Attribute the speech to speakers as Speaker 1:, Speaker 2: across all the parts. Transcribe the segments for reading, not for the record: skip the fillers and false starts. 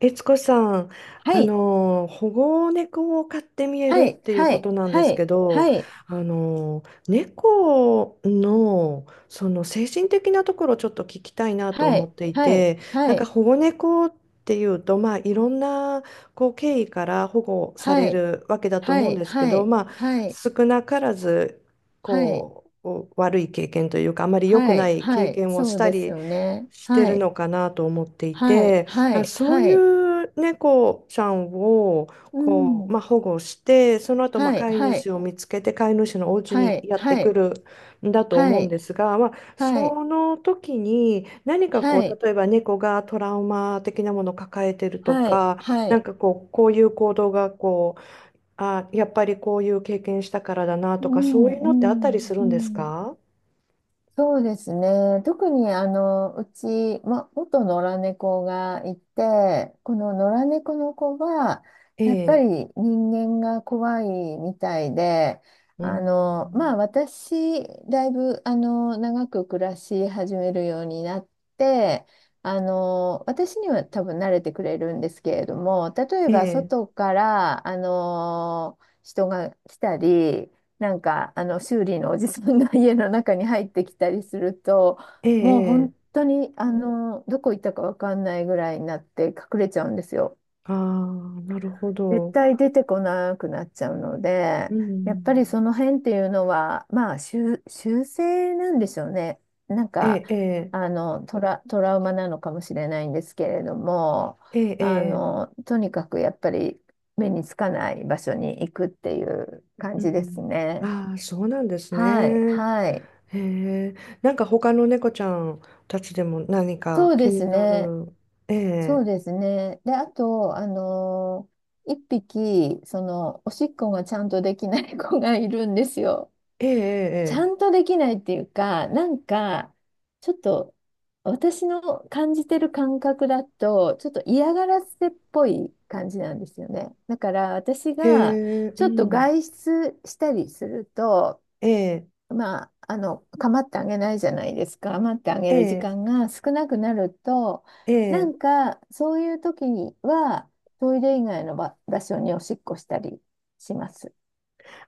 Speaker 1: 悦子さん、
Speaker 2: はい、
Speaker 1: 保護猫を飼ってみえる
Speaker 2: は
Speaker 1: っ
Speaker 2: い、
Speaker 1: ていう
Speaker 2: は
Speaker 1: こ
Speaker 2: い、
Speaker 1: となんで
Speaker 2: は
Speaker 1: すけ
Speaker 2: い、
Speaker 1: ど、
Speaker 2: はい、
Speaker 1: あの、猫の、その精神的なところをちょっと聞きたいなと
Speaker 2: は
Speaker 1: 思っ
Speaker 2: い、
Speaker 1: てい
Speaker 2: はい、
Speaker 1: て、な
Speaker 2: は
Speaker 1: んか
Speaker 2: い、
Speaker 1: 保護猫っていうと、まあ、いろんなこう経緯から保護さ
Speaker 2: は
Speaker 1: れ
Speaker 2: い、
Speaker 1: るわけだと思
Speaker 2: は
Speaker 1: うん
Speaker 2: い、
Speaker 1: ですけ
Speaker 2: は
Speaker 1: ど、まあ、
Speaker 2: い、
Speaker 1: 少なからず、
Speaker 2: はい、はい、
Speaker 1: こう、悪い経験というか、あまり良く
Speaker 2: は
Speaker 1: な
Speaker 2: い、
Speaker 1: い
Speaker 2: は
Speaker 1: 経
Speaker 2: い、
Speaker 1: 験をし
Speaker 2: そう
Speaker 1: た
Speaker 2: です
Speaker 1: り
Speaker 2: よね。
Speaker 1: して
Speaker 2: は
Speaker 1: る
Speaker 2: い、
Speaker 1: のかなと思ってい
Speaker 2: はい、
Speaker 1: て。
Speaker 2: は
Speaker 1: あ、
Speaker 2: い、
Speaker 1: そう
Speaker 2: は
Speaker 1: い
Speaker 2: い、
Speaker 1: う猫ちゃんを
Speaker 2: う
Speaker 1: こう、ま
Speaker 2: ん、
Speaker 1: あ、保護して、その後、まあ、
Speaker 2: はい、
Speaker 1: 飼い
Speaker 2: は
Speaker 1: 主
Speaker 2: い、
Speaker 1: を見つけて飼い主のお家
Speaker 2: は
Speaker 1: に
Speaker 2: い、
Speaker 1: やって
Speaker 2: は
Speaker 1: く
Speaker 2: い、
Speaker 1: るんだと
Speaker 2: は
Speaker 1: 思うん
Speaker 2: い、
Speaker 1: ですが、まあ、
Speaker 2: はい、
Speaker 1: その時に何かこ
Speaker 2: はい、
Speaker 1: う例えば猫がトラウマ的なものを抱えてると
Speaker 2: はい、
Speaker 1: か、
Speaker 2: は
Speaker 1: なん
Speaker 2: い、
Speaker 1: かこう、こういう行動がこう、あ、やっぱりこういう経験したからだな
Speaker 2: う
Speaker 1: とかそうい
Speaker 2: ん、
Speaker 1: う
Speaker 2: う
Speaker 1: のってあったりす
Speaker 2: ん、
Speaker 1: る
Speaker 2: う
Speaker 1: んです
Speaker 2: ん。
Speaker 1: か？
Speaker 2: そうですね。特にうち、ま、元野良猫がいて、この野良猫の子は、
Speaker 1: え
Speaker 2: やっぱ
Speaker 1: え、
Speaker 2: り人間が怖いみたいで、
Speaker 1: う
Speaker 2: まあ
Speaker 1: ん、
Speaker 2: 私、だいぶ長く暮らし始めるようになって、私には多分慣れてくれるんですけれども、例え
Speaker 1: え
Speaker 2: ば
Speaker 1: え、
Speaker 2: 外から、人が来たり、なんかあの修理のおじさんが 家の中に入ってきたりすると
Speaker 1: え
Speaker 2: もう
Speaker 1: え、え
Speaker 2: 本
Speaker 1: え、
Speaker 2: 当にどこ行ったか分かんないぐらいになって隠れちゃうんですよ。
Speaker 1: ああ、なるほ
Speaker 2: 絶
Speaker 1: ど。
Speaker 2: 対出てこなくなっちゃうの
Speaker 1: う
Speaker 2: でやっ
Speaker 1: ん。
Speaker 2: ぱりその辺っていうのはまあ修正なんでしょうね。なん
Speaker 1: え
Speaker 2: か
Speaker 1: え、ええ、
Speaker 2: トラウマなのかもしれないんですけれども
Speaker 1: ええ、ええ、
Speaker 2: とにかくやっぱり目につかない場所に行くっていう感
Speaker 1: う
Speaker 2: じです
Speaker 1: ん。
Speaker 2: ね。
Speaker 1: ああ、そうなんです
Speaker 2: はい、
Speaker 1: ね。
Speaker 2: はい。
Speaker 1: へえ。なんか他の猫ちゃんたちでも何か
Speaker 2: そう
Speaker 1: 気
Speaker 2: で
Speaker 1: に
Speaker 2: す
Speaker 1: な
Speaker 2: ね。
Speaker 1: る。え
Speaker 2: そ
Speaker 1: え、
Speaker 2: うですね。で、あと、一匹、その、おしっこがちゃんとできない子がいるんですよ。
Speaker 1: え
Speaker 2: ちゃ
Speaker 1: え、
Speaker 2: んとできないっていうか、なんか、ちょっと、私の感じてる感覚だと、ちょっと嫌がらせっぽい感じなんですよね。だから、私
Speaker 1: ええ。
Speaker 2: が、
Speaker 1: ええ、へえ、
Speaker 2: ち
Speaker 1: う
Speaker 2: ょっと
Speaker 1: ん。
Speaker 2: 外出したりすると、
Speaker 1: ええ、
Speaker 2: まあ、あの、構ってあげないじゃないですか。構ってあげ
Speaker 1: え
Speaker 2: る時
Speaker 1: え、
Speaker 2: 間が少なくなると、
Speaker 1: え
Speaker 2: な
Speaker 1: え。
Speaker 2: んか、そういう時には、トイレ以外の場所におしっこしたりします。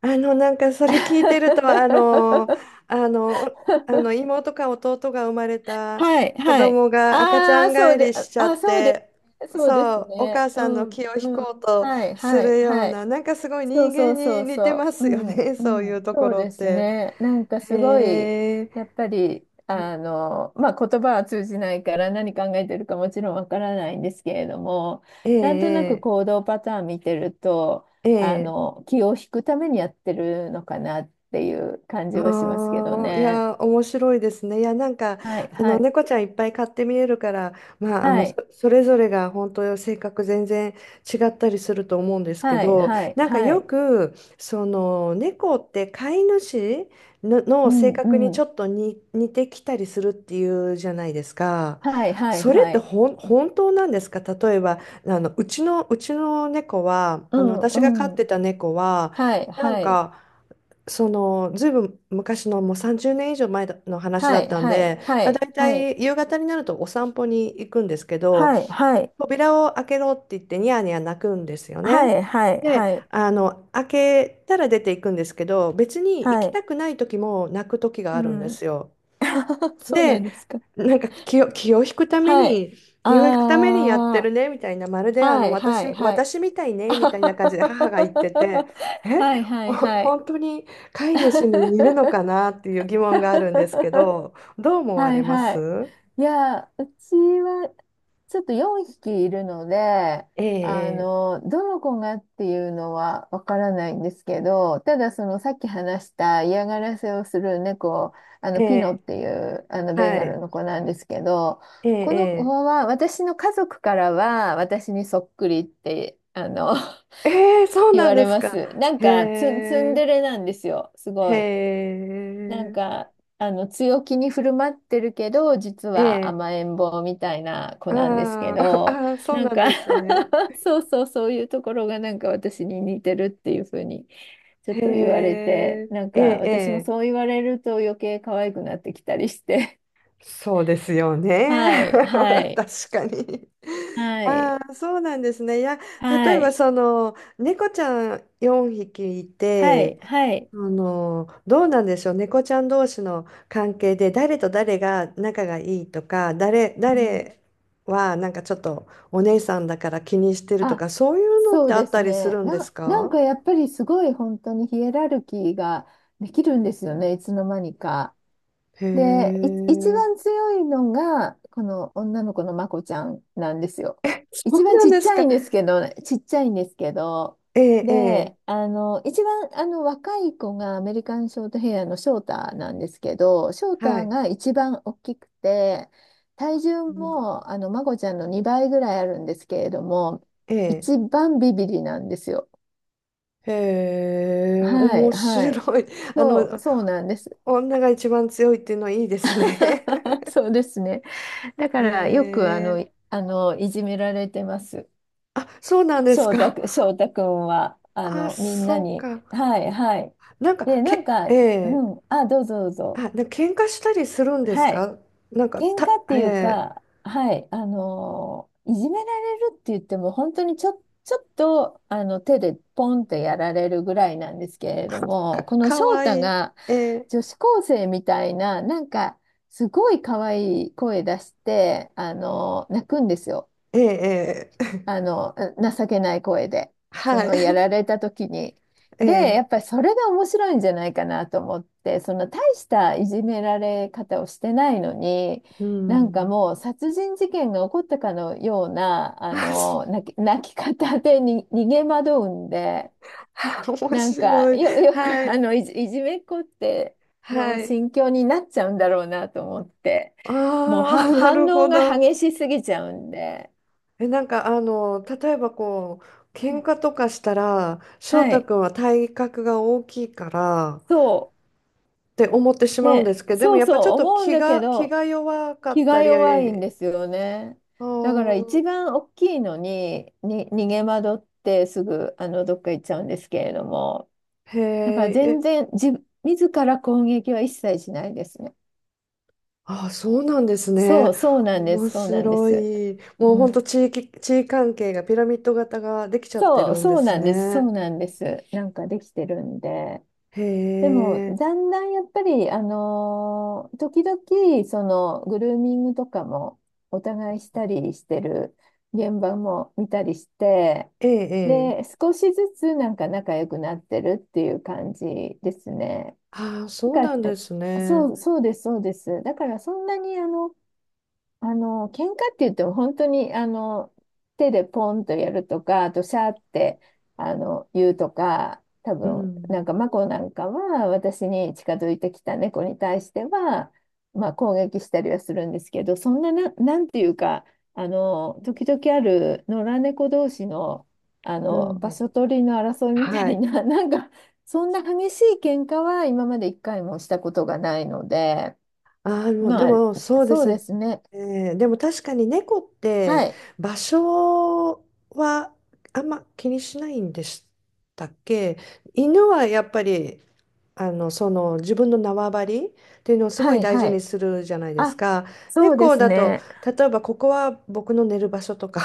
Speaker 1: なんかそれ聞いてると、あの、あの妹か弟が生まれた
Speaker 2: はい、
Speaker 1: 子
Speaker 2: はい。
Speaker 1: 供が赤ちゃ
Speaker 2: ああ、
Speaker 1: ん返りしちゃっ
Speaker 2: そうです
Speaker 1: て、
Speaker 2: ね。そうで
Speaker 1: そ
Speaker 2: す
Speaker 1: う、お母
Speaker 2: ね。う
Speaker 1: さんの
Speaker 2: ん、
Speaker 1: 気を引
Speaker 2: うん。
Speaker 1: こうと
Speaker 2: はい、
Speaker 1: す
Speaker 2: はい、
Speaker 1: るよう
Speaker 2: はい。
Speaker 1: な、なんかすごい
Speaker 2: そう
Speaker 1: 人間
Speaker 2: そう
Speaker 1: に
Speaker 2: そう
Speaker 1: 似て
Speaker 2: そ
Speaker 1: ま
Speaker 2: う。う
Speaker 1: すよ
Speaker 2: ん。
Speaker 1: ね、
Speaker 2: う
Speaker 1: そういう
Speaker 2: ん。
Speaker 1: とこ
Speaker 2: そう
Speaker 1: ろっ
Speaker 2: です
Speaker 1: て。
Speaker 2: ね。なんかすごい、
Speaker 1: へえ、
Speaker 2: やっぱり、まあ、言葉は通じないから何考えてるかもちろんわからないんですけれども、
Speaker 1: え
Speaker 2: なんとなく
Speaker 1: え、
Speaker 2: 行動パターン見てると、
Speaker 1: ええ。ええ、
Speaker 2: 気を引くためにやってるのかなっていう感じはしますけど
Speaker 1: ああ、い
Speaker 2: ね。
Speaker 1: やー、面白いですね。いや、なんか、
Speaker 2: はい、
Speaker 1: あ
Speaker 2: は
Speaker 1: の、
Speaker 2: い、
Speaker 1: 猫ちゃんいっぱい飼って見えるから、まあ、あ
Speaker 2: は
Speaker 1: の、そ、
Speaker 2: い、
Speaker 1: それぞれが本当性格全然違ったりすると思うんですけ
Speaker 2: はい、
Speaker 1: ど、
Speaker 2: はい、
Speaker 1: なんか
Speaker 2: は
Speaker 1: よ
Speaker 2: い、
Speaker 1: く、その、猫って飼い主の、
Speaker 2: う
Speaker 1: の性
Speaker 2: ん、
Speaker 1: 格に
Speaker 2: う
Speaker 1: ちょ
Speaker 2: ん、
Speaker 1: っとに似てきたりするっていうじゃないですか。
Speaker 2: はい、はい、
Speaker 1: それっ
Speaker 2: は
Speaker 1: て
Speaker 2: い、
Speaker 1: ほん、本当なんですか？例えば、あの、うちの、うちの猫は、
Speaker 2: う
Speaker 1: あの、私が飼
Speaker 2: ん、
Speaker 1: っ
Speaker 2: うん、
Speaker 1: てた猫は、
Speaker 2: はい、
Speaker 1: なん
Speaker 2: はい、
Speaker 1: か、そのずいぶん昔のもう30年以上前の話だ
Speaker 2: は
Speaker 1: っ
Speaker 2: い、
Speaker 1: たん
Speaker 2: はい、
Speaker 1: で、
Speaker 2: は
Speaker 1: まあ、
Speaker 2: い、
Speaker 1: 大
Speaker 2: はい。
Speaker 1: 体夕方になるとお散歩に行くんですけど、
Speaker 2: はい、はい、
Speaker 1: 扉を開けろって言ってニヤニヤ泣くんですよ
Speaker 2: は
Speaker 1: ね。
Speaker 2: い、はい、
Speaker 1: で
Speaker 2: はい、
Speaker 1: あの開けたら出ていくんですけど別に行
Speaker 2: は
Speaker 1: き
Speaker 2: い、
Speaker 1: たくない時も泣く時が
Speaker 2: う
Speaker 1: あるんで
Speaker 2: ん。
Speaker 1: すよ。
Speaker 2: そうなん
Speaker 1: で、
Speaker 2: ですか。
Speaker 1: なんか気を引くため
Speaker 2: はい。
Speaker 1: に、気を引くためにやって
Speaker 2: あ
Speaker 1: るねみたいな、まる
Speaker 2: あ、
Speaker 1: であ
Speaker 2: は
Speaker 1: の
Speaker 2: い、はい、はい。
Speaker 1: 私みたい
Speaker 2: あ
Speaker 1: ねみ
Speaker 2: は
Speaker 1: た
Speaker 2: は
Speaker 1: いな感じで
Speaker 2: は
Speaker 1: 母が言って
Speaker 2: は
Speaker 1: て、
Speaker 2: は
Speaker 1: え、
Speaker 2: はい、は
Speaker 1: ほ
Speaker 2: い、はい。
Speaker 1: 本当に飼い主 に似るのかなっていう疑問があるんですけど、どう思わ
Speaker 2: は
Speaker 1: れ
Speaker 2: い
Speaker 1: ま
Speaker 2: はい。
Speaker 1: す？
Speaker 2: いや、うちはちょっと4匹いるので、
Speaker 1: ええ、
Speaker 2: どの子がっていうのはわからないんですけど、ただそのさっき話した嫌がらせをする猫、あ
Speaker 1: え
Speaker 2: のピノ
Speaker 1: え、
Speaker 2: っていうあのベン
Speaker 1: は
Speaker 2: ガ
Speaker 1: い、
Speaker 2: ルの子なんですけど、
Speaker 1: え
Speaker 2: この子
Speaker 1: え、
Speaker 2: は私の家族からは私にそっくりって
Speaker 1: ええ、ええ、そ う
Speaker 2: 言
Speaker 1: なん
Speaker 2: わ
Speaker 1: で
Speaker 2: れ
Speaker 1: す
Speaker 2: ま
Speaker 1: か。
Speaker 2: す。なん
Speaker 1: へ
Speaker 2: かツン、ツン
Speaker 1: え、
Speaker 2: デレなんですよ、す
Speaker 1: へ
Speaker 2: ごい。なん
Speaker 1: え、
Speaker 2: か、強気に振る舞ってるけど、実
Speaker 1: え
Speaker 2: は
Speaker 1: え、
Speaker 2: 甘えん坊みたいな子なんですけ
Speaker 1: ああ、
Speaker 2: ど、
Speaker 1: ああ、そう
Speaker 2: な
Speaker 1: な
Speaker 2: ん
Speaker 1: ん
Speaker 2: か
Speaker 1: ですね。
Speaker 2: そうそう、そういうところがなんか私に似てるっていうふうに、ちょっ
Speaker 1: へ
Speaker 2: と言われて、
Speaker 1: え、
Speaker 2: なん
Speaker 1: え
Speaker 2: か
Speaker 1: え、え
Speaker 2: 私もそう
Speaker 1: え、
Speaker 2: 言われると余計可愛くなってきたりして。
Speaker 1: そうですよ
Speaker 2: は
Speaker 1: ね。
Speaker 2: い、は い、
Speaker 1: 確かに。
Speaker 2: はい、
Speaker 1: ああ、そうなんですね。いや、例
Speaker 2: は
Speaker 1: えば
Speaker 2: い、
Speaker 1: その、猫ちゃん4匹い
Speaker 2: はい、
Speaker 1: て、
Speaker 2: はい。
Speaker 1: あの、どうなんでしょう。猫ちゃん同士の関係で、誰と誰が仲がいいとか、
Speaker 2: うん
Speaker 1: 誰はなんかちょっとお姉さんだから気にしてると
Speaker 2: あ、
Speaker 1: か、そういうのっ
Speaker 2: そう
Speaker 1: てあ
Speaker 2: で
Speaker 1: った
Speaker 2: す
Speaker 1: りす
Speaker 2: ね。
Speaker 1: るんで
Speaker 2: な、
Speaker 1: す
Speaker 2: なん
Speaker 1: か？
Speaker 2: かやっぱりすごい本当にヒエラルキーができるんですよね、いつの間にか。
Speaker 1: へ
Speaker 2: で、い一
Speaker 1: え、
Speaker 2: 番強いのが、この女の子のまこちゃんなんですよ。
Speaker 1: そ
Speaker 2: 一
Speaker 1: う
Speaker 2: 番
Speaker 1: な
Speaker 2: ち
Speaker 1: ん
Speaker 2: っ
Speaker 1: で
Speaker 2: ち
Speaker 1: す
Speaker 2: ゃ
Speaker 1: か。
Speaker 2: いんですけど、ちっちゃいんですけど、
Speaker 1: ええ、え
Speaker 2: で、一番若い子がアメリカンショートヘアのショーターなんですけど、ショー
Speaker 1: え、
Speaker 2: タ
Speaker 1: は
Speaker 2: ー
Speaker 1: い。
Speaker 2: が一番大きくて、体重
Speaker 1: うん、
Speaker 2: もまこちゃんの2倍ぐらいあるんですけれども、
Speaker 1: ええ、
Speaker 2: 一番ビビリなんですよ。
Speaker 1: へえ、
Speaker 2: はい、
Speaker 1: 面
Speaker 2: はい。
Speaker 1: 白い。あ
Speaker 2: そう、
Speaker 1: の、
Speaker 2: そうなんです。
Speaker 1: 女が一番強いっていうのはいいですね。
Speaker 2: そうですね。だか
Speaker 1: へ
Speaker 2: らよく
Speaker 1: え、
Speaker 2: いじめられてます。
Speaker 1: あ、そうなんです
Speaker 2: 翔太
Speaker 1: か。
Speaker 2: く、翔太くんは、
Speaker 1: あ、
Speaker 2: みんな
Speaker 1: そう
Speaker 2: に。
Speaker 1: か。
Speaker 2: はい、はい。
Speaker 1: なんか、
Speaker 2: で、なん
Speaker 1: け、
Speaker 2: か、
Speaker 1: え
Speaker 2: う
Speaker 1: え、
Speaker 2: ん、あ、どうぞどう
Speaker 1: あ、
Speaker 2: ぞ。
Speaker 1: なんか喧嘩したりするんです
Speaker 2: はい。
Speaker 1: か？なんか、
Speaker 2: 喧
Speaker 1: た、
Speaker 2: 嘩って
Speaker 1: え
Speaker 2: いう
Speaker 1: え、
Speaker 2: か、はい、いじめられるって言っても、本当にちょっと手でポンってやられるぐらいなんですけれど
Speaker 1: か、
Speaker 2: も、この
Speaker 1: か
Speaker 2: 翔
Speaker 1: わ
Speaker 2: 太
Speaker 1: いい。
Speaker 2: が
Speaker 1: ええ、
Speaker 2: 女子高生みたいな、なんかすごい可愛い声出して、泣くんですよ。
Speaker 1: ええ、ええ
Speaker 2: あの、情けない声で、そ
Speaker 1: はい。
Speaker 2: のやら れた時に。
Speaker 1: え
Speaker 2: で、
Speaker 1: え、
Speaker 2: やっぱりそれが面白いんじゃないかなと思って、その大したいじめられ方をしてないのに、
Speaker 1: う
Speaker 2: なんか
Speaker 1: ん。
Speaker 2: もう殺人事件が起こったかのような、
Speaker 1: あ、そ
Speaker 2: 泣き方でに逃げ惑うんで、
Speaker 1: う 面
Speaker 2: なんか
Speaker 1: 白い。
Speaker 2: よく
Speaker 1: はい、
Speaker 2: いじめっ子って
Speaker 1: は
Speaker 2: の
Speaker 1: い。
Speaker 2: 心境になっちゃうんだろうなと思って、もう
Speaker 1: あ
Speaker 2: は
Speaker 1: あ、な
Speaker 2: 反
Speaker 1: る
Speaker 2: 応
Speaker 1: ほ
Speaker 2: が
Speaker 1: ど。
Speaker 2: 激しすぎちゃうんで、
Speaker 1: え、例えばこう、
Speaker 2: は
Speaker 1: 喧嘩
Speaker 2: い。
Speaker 1: とかしたら、翔
Speaker 2: は
Speaker 1: 太
Speaker 2: い
Speaker 1: 君は体格が大きいから
Speaker 2: そう。
Speaker 1: って思ってしまうんで
Speaker 2: ね、
Speaker 1: すけど、でも
Speaker 2: そう
Speaker 1: やっ
Speaker 2: そ
Speaker 1: ぱちょっ
Speaker 2: う
Speaker 1: と
Speaker 2: 思うんだけ
Speaker 1: 気
Speaker 2: ど
Speaker 1: が弱かっ
Speaker 2: 気が
Speaker 1: た
Speaker 2: 弱いん
Speaker 1: り、
Speaker 2: ですよね。
Speaker 1: あ
Speaker 2: だから
Speaker 1: ー、
Speaker 2: 一番大きいのに、に逃げ惑ってすぐどっか行っちゃうんですけれども
Speaker 1: へー
Speaker 2: だから全
Speaker 1: え、
Speaker 2: 然自ら攻撃は一切しないですね。
Speaker 1: あー、そうなんです
Speaker 2: そ
Speaker 1: ね。
Speaker 2: うそうなんで
Speaker 1: 面
Speaker 2: すそうなんで
Speaker 1: 白
Speaker 2: す。
Speaker 1: い。
Speaker 2: う
Speaker 1: もうほんと
Speaker 2: ん、
Speaker 1: 地位関係がピラミッド型ができちゃって
Speaker 2: そう
Speaker 1: るんで
Speaker 2: そう
Speaker 1: す
Speaker 2: なんですそ
Speaker 1: ね。
Speaker 2: うなんです。なんかできてるんで。
Speaker 1: へ
Speaker 2: でも、
Speaker 1: え、
Speaker 2: だんだんやっぱり、時々、その、グルーミングとかも、お互いしたりしてる現場も見たりして、
Speaker 1: ええ、え
Speaker 2: で、
Speaker 1: え。
Speaker 2: 少しずつなんか仲良くなってるっていう感じですね。
Speaker 1: ああ、そう
Speaker 2: だか
Speaker 1: なん
Speaker 2: ら、
Speaker 1: で
Speaker 2: え
Speaker 1: すね。
Speaker 2: そう、そうです、そうです。だから、そんなに、喧嘩って言っても本当に、手でポンとやるとか、あとシャーって、言うとか、多
Speaker 1: う
Speaker 2: 分、な
Speaker 1: ん、
Speaker 2: んか、マコなんかは、私に近づいてきた猫に対しては、まあ、攻撃したりはするんですけど、そんな、なんていうか、時々ある野良猫同士の、
Speaker 1: う
Speaker 2: 場
Speaker 1: ん。
Speaker 2: 所取りの争いみた
Speaker 1: は
Speaker 2: い
Speaker 1: い。
Speaker 2: な、なんか、そんな激しい喧嘩は今まで一回もしたことがないので、
Speaker 1: ああ、もうで
Speaker 2: まあ、
Speaker 1: もそうで
Speaker 2: そう
Speaker 1: す
Speaker 2: で
Speaker 1: ね。
Speaker 2: すね。
Speaker 1: えー、でも確かに猫っ
Speaker 2: は
Speaker 1: て
Speaker 2: い。
Speaker 1: 場所はあんま気にしないんでしたっけ？犬はやっぱりあのその自分の縄張りっていうのをすご
Speaker 2: は
Speaker 1: い
Speaker 2: い
Speaker 1: 大事
Speaker 2: はい。
Speaker 1: にするじゃないで
Speaker 2: あ、
Speaker 1: すか。
Speaker 2: そうで
Speaker 1: 猫
Speaker 2: す
Speaker 1: だと
Speaker 2: ね。
Speaker 1: 例えばここは僕の寝る場所とか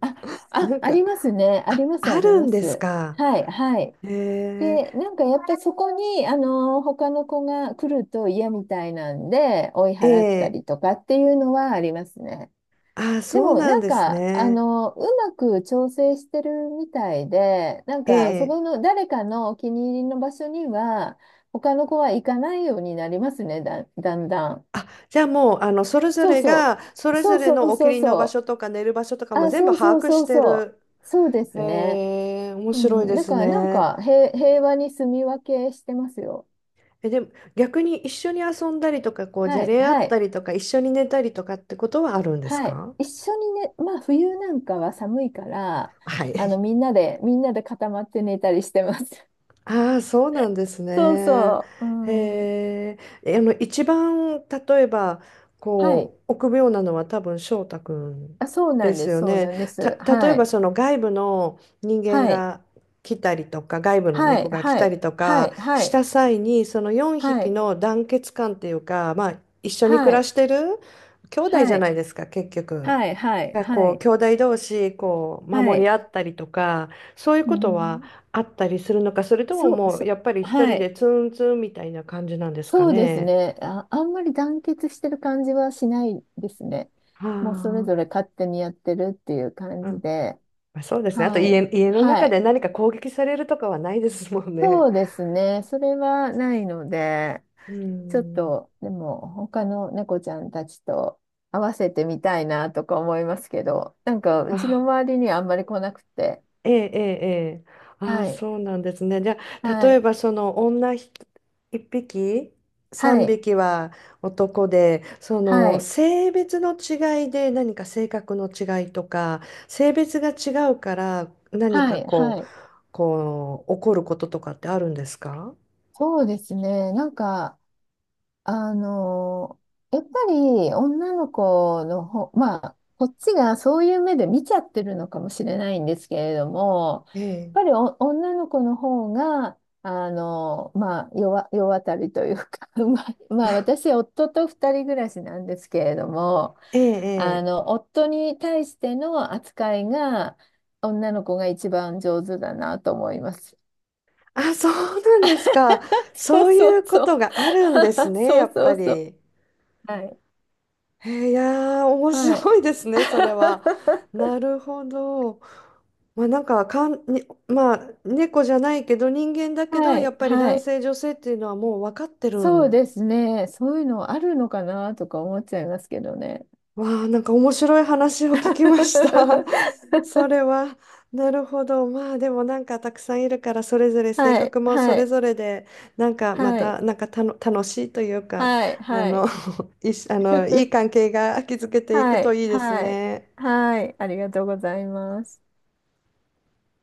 Speaker 2: あ、
Speaker 1: なん
Speaker 2: あ
Speaker 1: か、
Speaker 2: りますね。あ
Speaker 1: あ、
Speaker 2: ります、あ
Speaker 1: あ
Speaker 2: り
Speaker 1: る
Speaker 2: ま
Speaker 1: んです
Speaker 2: す。
Speaker 1: か。
Speaker 2: はい、はい。
Speaker 1: え
Speaker 2: で、なんかやっぱりそこに、他の子が来ると嫌みたいなんで、追い
Speaker 1: ー、
Speaker 2: 払った
Speaker 1: え
Speaker 2: りとかっていうのはありますね。
Speaker 1: ー、あー、
Speaker 2: で
Speaker 1: そう
Speaker 2: も、
Speaker 1: なん
Speaker 2: なん
Speaker 1: です
Speaker 2: か、
Speaker 1: ね。
Speaker 2: うまく調整してるみたいで、なんか、そ
Speaker 1: ええ、
Speaker 2: この誰かのお気に入りの場所には、他の子は行かないようになりますね、だんだん。
Speaker 1: あ、じゃあもう、あの、それぞ
Speaker 2: そう
Speaker 1: れ
Speaker 2: そ
Speaker 1: が、そ
Speaker 2: う。
Speaker 1: れ
Speaker 2: そ
Speaker 1: ぞ
Speaker 2: う
Speaker 1: れ
Speaker 2: そ
Speaker 1: の
Speaker 2: う
Speaker 1: お気
Speaker 2: そ
Speaker 1: に入
Speaker 2: う
Speaker 1: りの
Speaker 2: そ
Speaker 1: 場所と
Speaker 2: う。
Speaker 1: か寝る場所とかも
Speaker 2: あ、
Speaker 1: 全部
Speaker 2: そうそ
Speaker 1: 把
Speaker 2: う
Speaker 1: 握
Speaker 2: そ
Speaker 1: し
Speaker 2: う
Speaker 1: て
Speaker 2: そう。
Speaker 1: る。
Speaker 2: そうで
Speaker 1: へ
Speaker 2: すね。
Speaker 1: え、面
Speaker 2: う
Speaker 1: 白い
Speaker 2: ん、
Speaker 1: で
Speaker 2: だ
Speaker 1: す
Speaker 2: からなん
Speaker 1: ね。
Speaker 2: か平和に住み分けしてますよ。
Speaker 1: え、でも逆に一緒に遊んだりとか、こう、じゃ
Speaker 2: はい、
Speaker 1: れ合
Speaker 2: は
Speaker 1: った
Speaker 2: い、
Speaker 1: りとか、一緒に寝たりとかってことはあるんです
Speaker 2: はい。
Speaker 1: か？
Speaker 2: 一緒にね、まあ冬なんかは寒いから、
Speaker 1: はい。
Speaker 2: みんなで、みんなで固まって寝たりしてます。
Speaker 1: ああ、そうなんです
Speaker 2: そう
Speaker 1: ね。
Speaker 2: そう。う
Speaker 1: へ
Speaker 2: ん。
Speaker 1: え、え、あの、一番、例えば、
Speaker 2: は
Speaker 1: こ
Speaker 2: い。
Speaker 1: う、臆病なのは多分翔太くん
Speaker 2: あ、そうな
Speaker 1: で
Speaker 2: ん
Speaker 1: す
Speaker 2: です、
Speaker 1: よ
Speaker 2: そう
Speaker 1: ね。
Speaker 2: なんです。
Speaker 1: た、例え
Speaker 2: は
Speaker 1: ば、
Speaker 2: い。
Speaker 1: その外部の人間
Speaker 2: はい。
Speaker 1: が来たりとか、外部の
Speaker 2: はい。
Speaker 1: 猫が来
Speaker 2: は
Speaker 1: た
Speaker 2: い。
Speaker 1: りとか
Speaker 2: は
Speaker 1: し
Speaker 2: い。
Speaker 1: た際に、その4
Speaker 2: は
Speaker 1: 匹
Speaker 2: い。
Speaker 1: の団結感っていうか、まあ、一緒に
Speaker 2: は
Speaker 1: 暮ら
Speaker 2: い。
Speaker 1: してる兄弟じ
Speaker 2: は
Speaker 1: ゃな
Speaker 2: い。
Speaker 1: いですか、結局。
Speaker 2: はい。はい。
Speaker 1: が
Speaker 2: はい。は
Speaker 1: こう
Speaker 2: い。
Speaker 1: 兄弟同士こう
Speaker 2: は
Speaker 1: 守り
Speaker 2: い。
Speaker 1: 合ったりとかそういう
Speaker 2: う
Speaker 1: ことは
Speaker 2: ん。
Speaker 1: あったりするのか、それとも
Speaker 2: そう、
Speaker 1: もう
Speaker 2: そう。
Speaker 1: やっぱり一
Speaker 2: は
Speaker 1: 人で
Speaker 2: い。
Speaker 1: ツンツンみたいな感じなんですか
Speaker 2: そうです
Speaker 1: ね。
Speaker 2: ね。あ、あんまり団結してる感じはしないですね。
Speaker 1: は
Speaker 2: もうそれぞ
Speaker 1: あ、
Speaker 2: れ勝手にやってるっていう感
Speaker 1: う
Speaker 2: じ
Speaker 1: ん、
Speaker 2: で。
Speaker 1: まあそうですね。あと
Speaker 2: はい。
Speaker 1: 家の
Speaker 2: は
Speaker 1: 中で
Speaker 2: い。
Speaker 1: 何か攻撃されるとかはないですもんね。
Speaker 2: そうですね。それはないので、
Speaker 1: う
Speaker 2: ちょっ
Speaker 1: ん。
Speaker 2: と、でも、他の猫ちゃんたちと合わせてみたいなとか思いますけど、なんか、うちの
Speaker 1: あ、
Speaker 2: 周りにはあんまり来なくて。
Speaker 1: ええ、ええ、ええ。ああ、
Speaker 2: はい。
Speaker 1: そうなんですね。じゃあ、
Speaker 2: は
Speaker 1: 例え
Speaker 2: い。
Speaker 1: ばその女ひ一匹、
Speaker 2: は
Speaker 1: 三
Speaker 2: い。
Speaker 1: 匹は男で、そ
Speaker 2: は
Speaker 1: の
Speaker 2: い。
Speaker 1: 性別の違いで何か性格の違いとか、性別が違うから何
Speaker 2: は
Speaker 1: か
Speaker 2: い。
Speaker 1: こ
Speaker 2: は
Speaker 1: う、
Speaker 2: い。
Speaker 1: こう、起こることとかってあるんですか？
Speaker 2: そうですね。なんか、あの、やっぱり女の子のほまあ、こっちがそういう目で見ちゃってるのかもしれないんですけれども、
Speaker 1: ええ、
Speaker 2: やっぱりお女の子の方が、まあ、世渡りというか、まあ、まあ、私、夫と二人暮らしなんですけれども、
Speaker 1: ええ、ええ。
Speaker 2: 夫に対しての扱いが、女の子が一番上手だなと思います。
Speaker 1: あ、そうなんですか。
Speaker 2: そ
Speaker 1: そう
Speaker 2: うそ
Speaker 1: い
Speaker 2: う
Speaker 1: うこ
Speaker 2: そ
Speaker 1: と
Speaker 2: う。
Speaker 1: があるんです ね、
Speaker 2: そ
Speaker 1: や
Speaker 2: う
Speaker 1: っ
Speaker 2: そ
Speaker 1: ぱ
Speaker 2: う
Speaker 1: り。
Speaker 2: そう。
Speaker 1: え
Speaker 2: はい
Speaker 1: ー、いやー、面
Speaker 2: はい。
Speaker 1: 白いですね、それは。なるほど。まあ、なんか、かん、に、まあ、猫じゃないけど、人間だけど、
Speaker 2: は
Speaker 1: や
Speaker 2: い、
Speaker 1: っぱり
Speaker 2: は
Speaker 1: 男
Speaker 2: い。
Speaker 1: 性、女性っていうのはもう分かってる
Speaker 2: そう
Speaker 1: ん、
Speaker 2: ですね。そういうのあるのかなとか思っちゃいますけどね。
Speaker 1: わあ、なんか面白い話を聞きました。そ れは、なるほど。まあでもなんかたくさんいるからそれぞれ性
Speaker 2: はい、
Speaker 1: 格もそ
Speaker 2: は
Speaker 1: れ
Speaker 2: い、
Speaker 1: ぞれでなんかま
Speaker 2: はい、
Speaker 1: たなんかたの楽しいというか
Speaker 2: はい、
Speaker 1: あ
Speaker 2: は
Speaker 1: の
Speaker 2: い。
Speaker 1: いしあのいい 関係が築けていく
Speaker 2: は
Speaker 1: と
Speaker 2: い、
Speaker 1: いいです
Speaker 2: はい、
Speaker 1: ね。
Speaker 2: はい。ありがとうございます。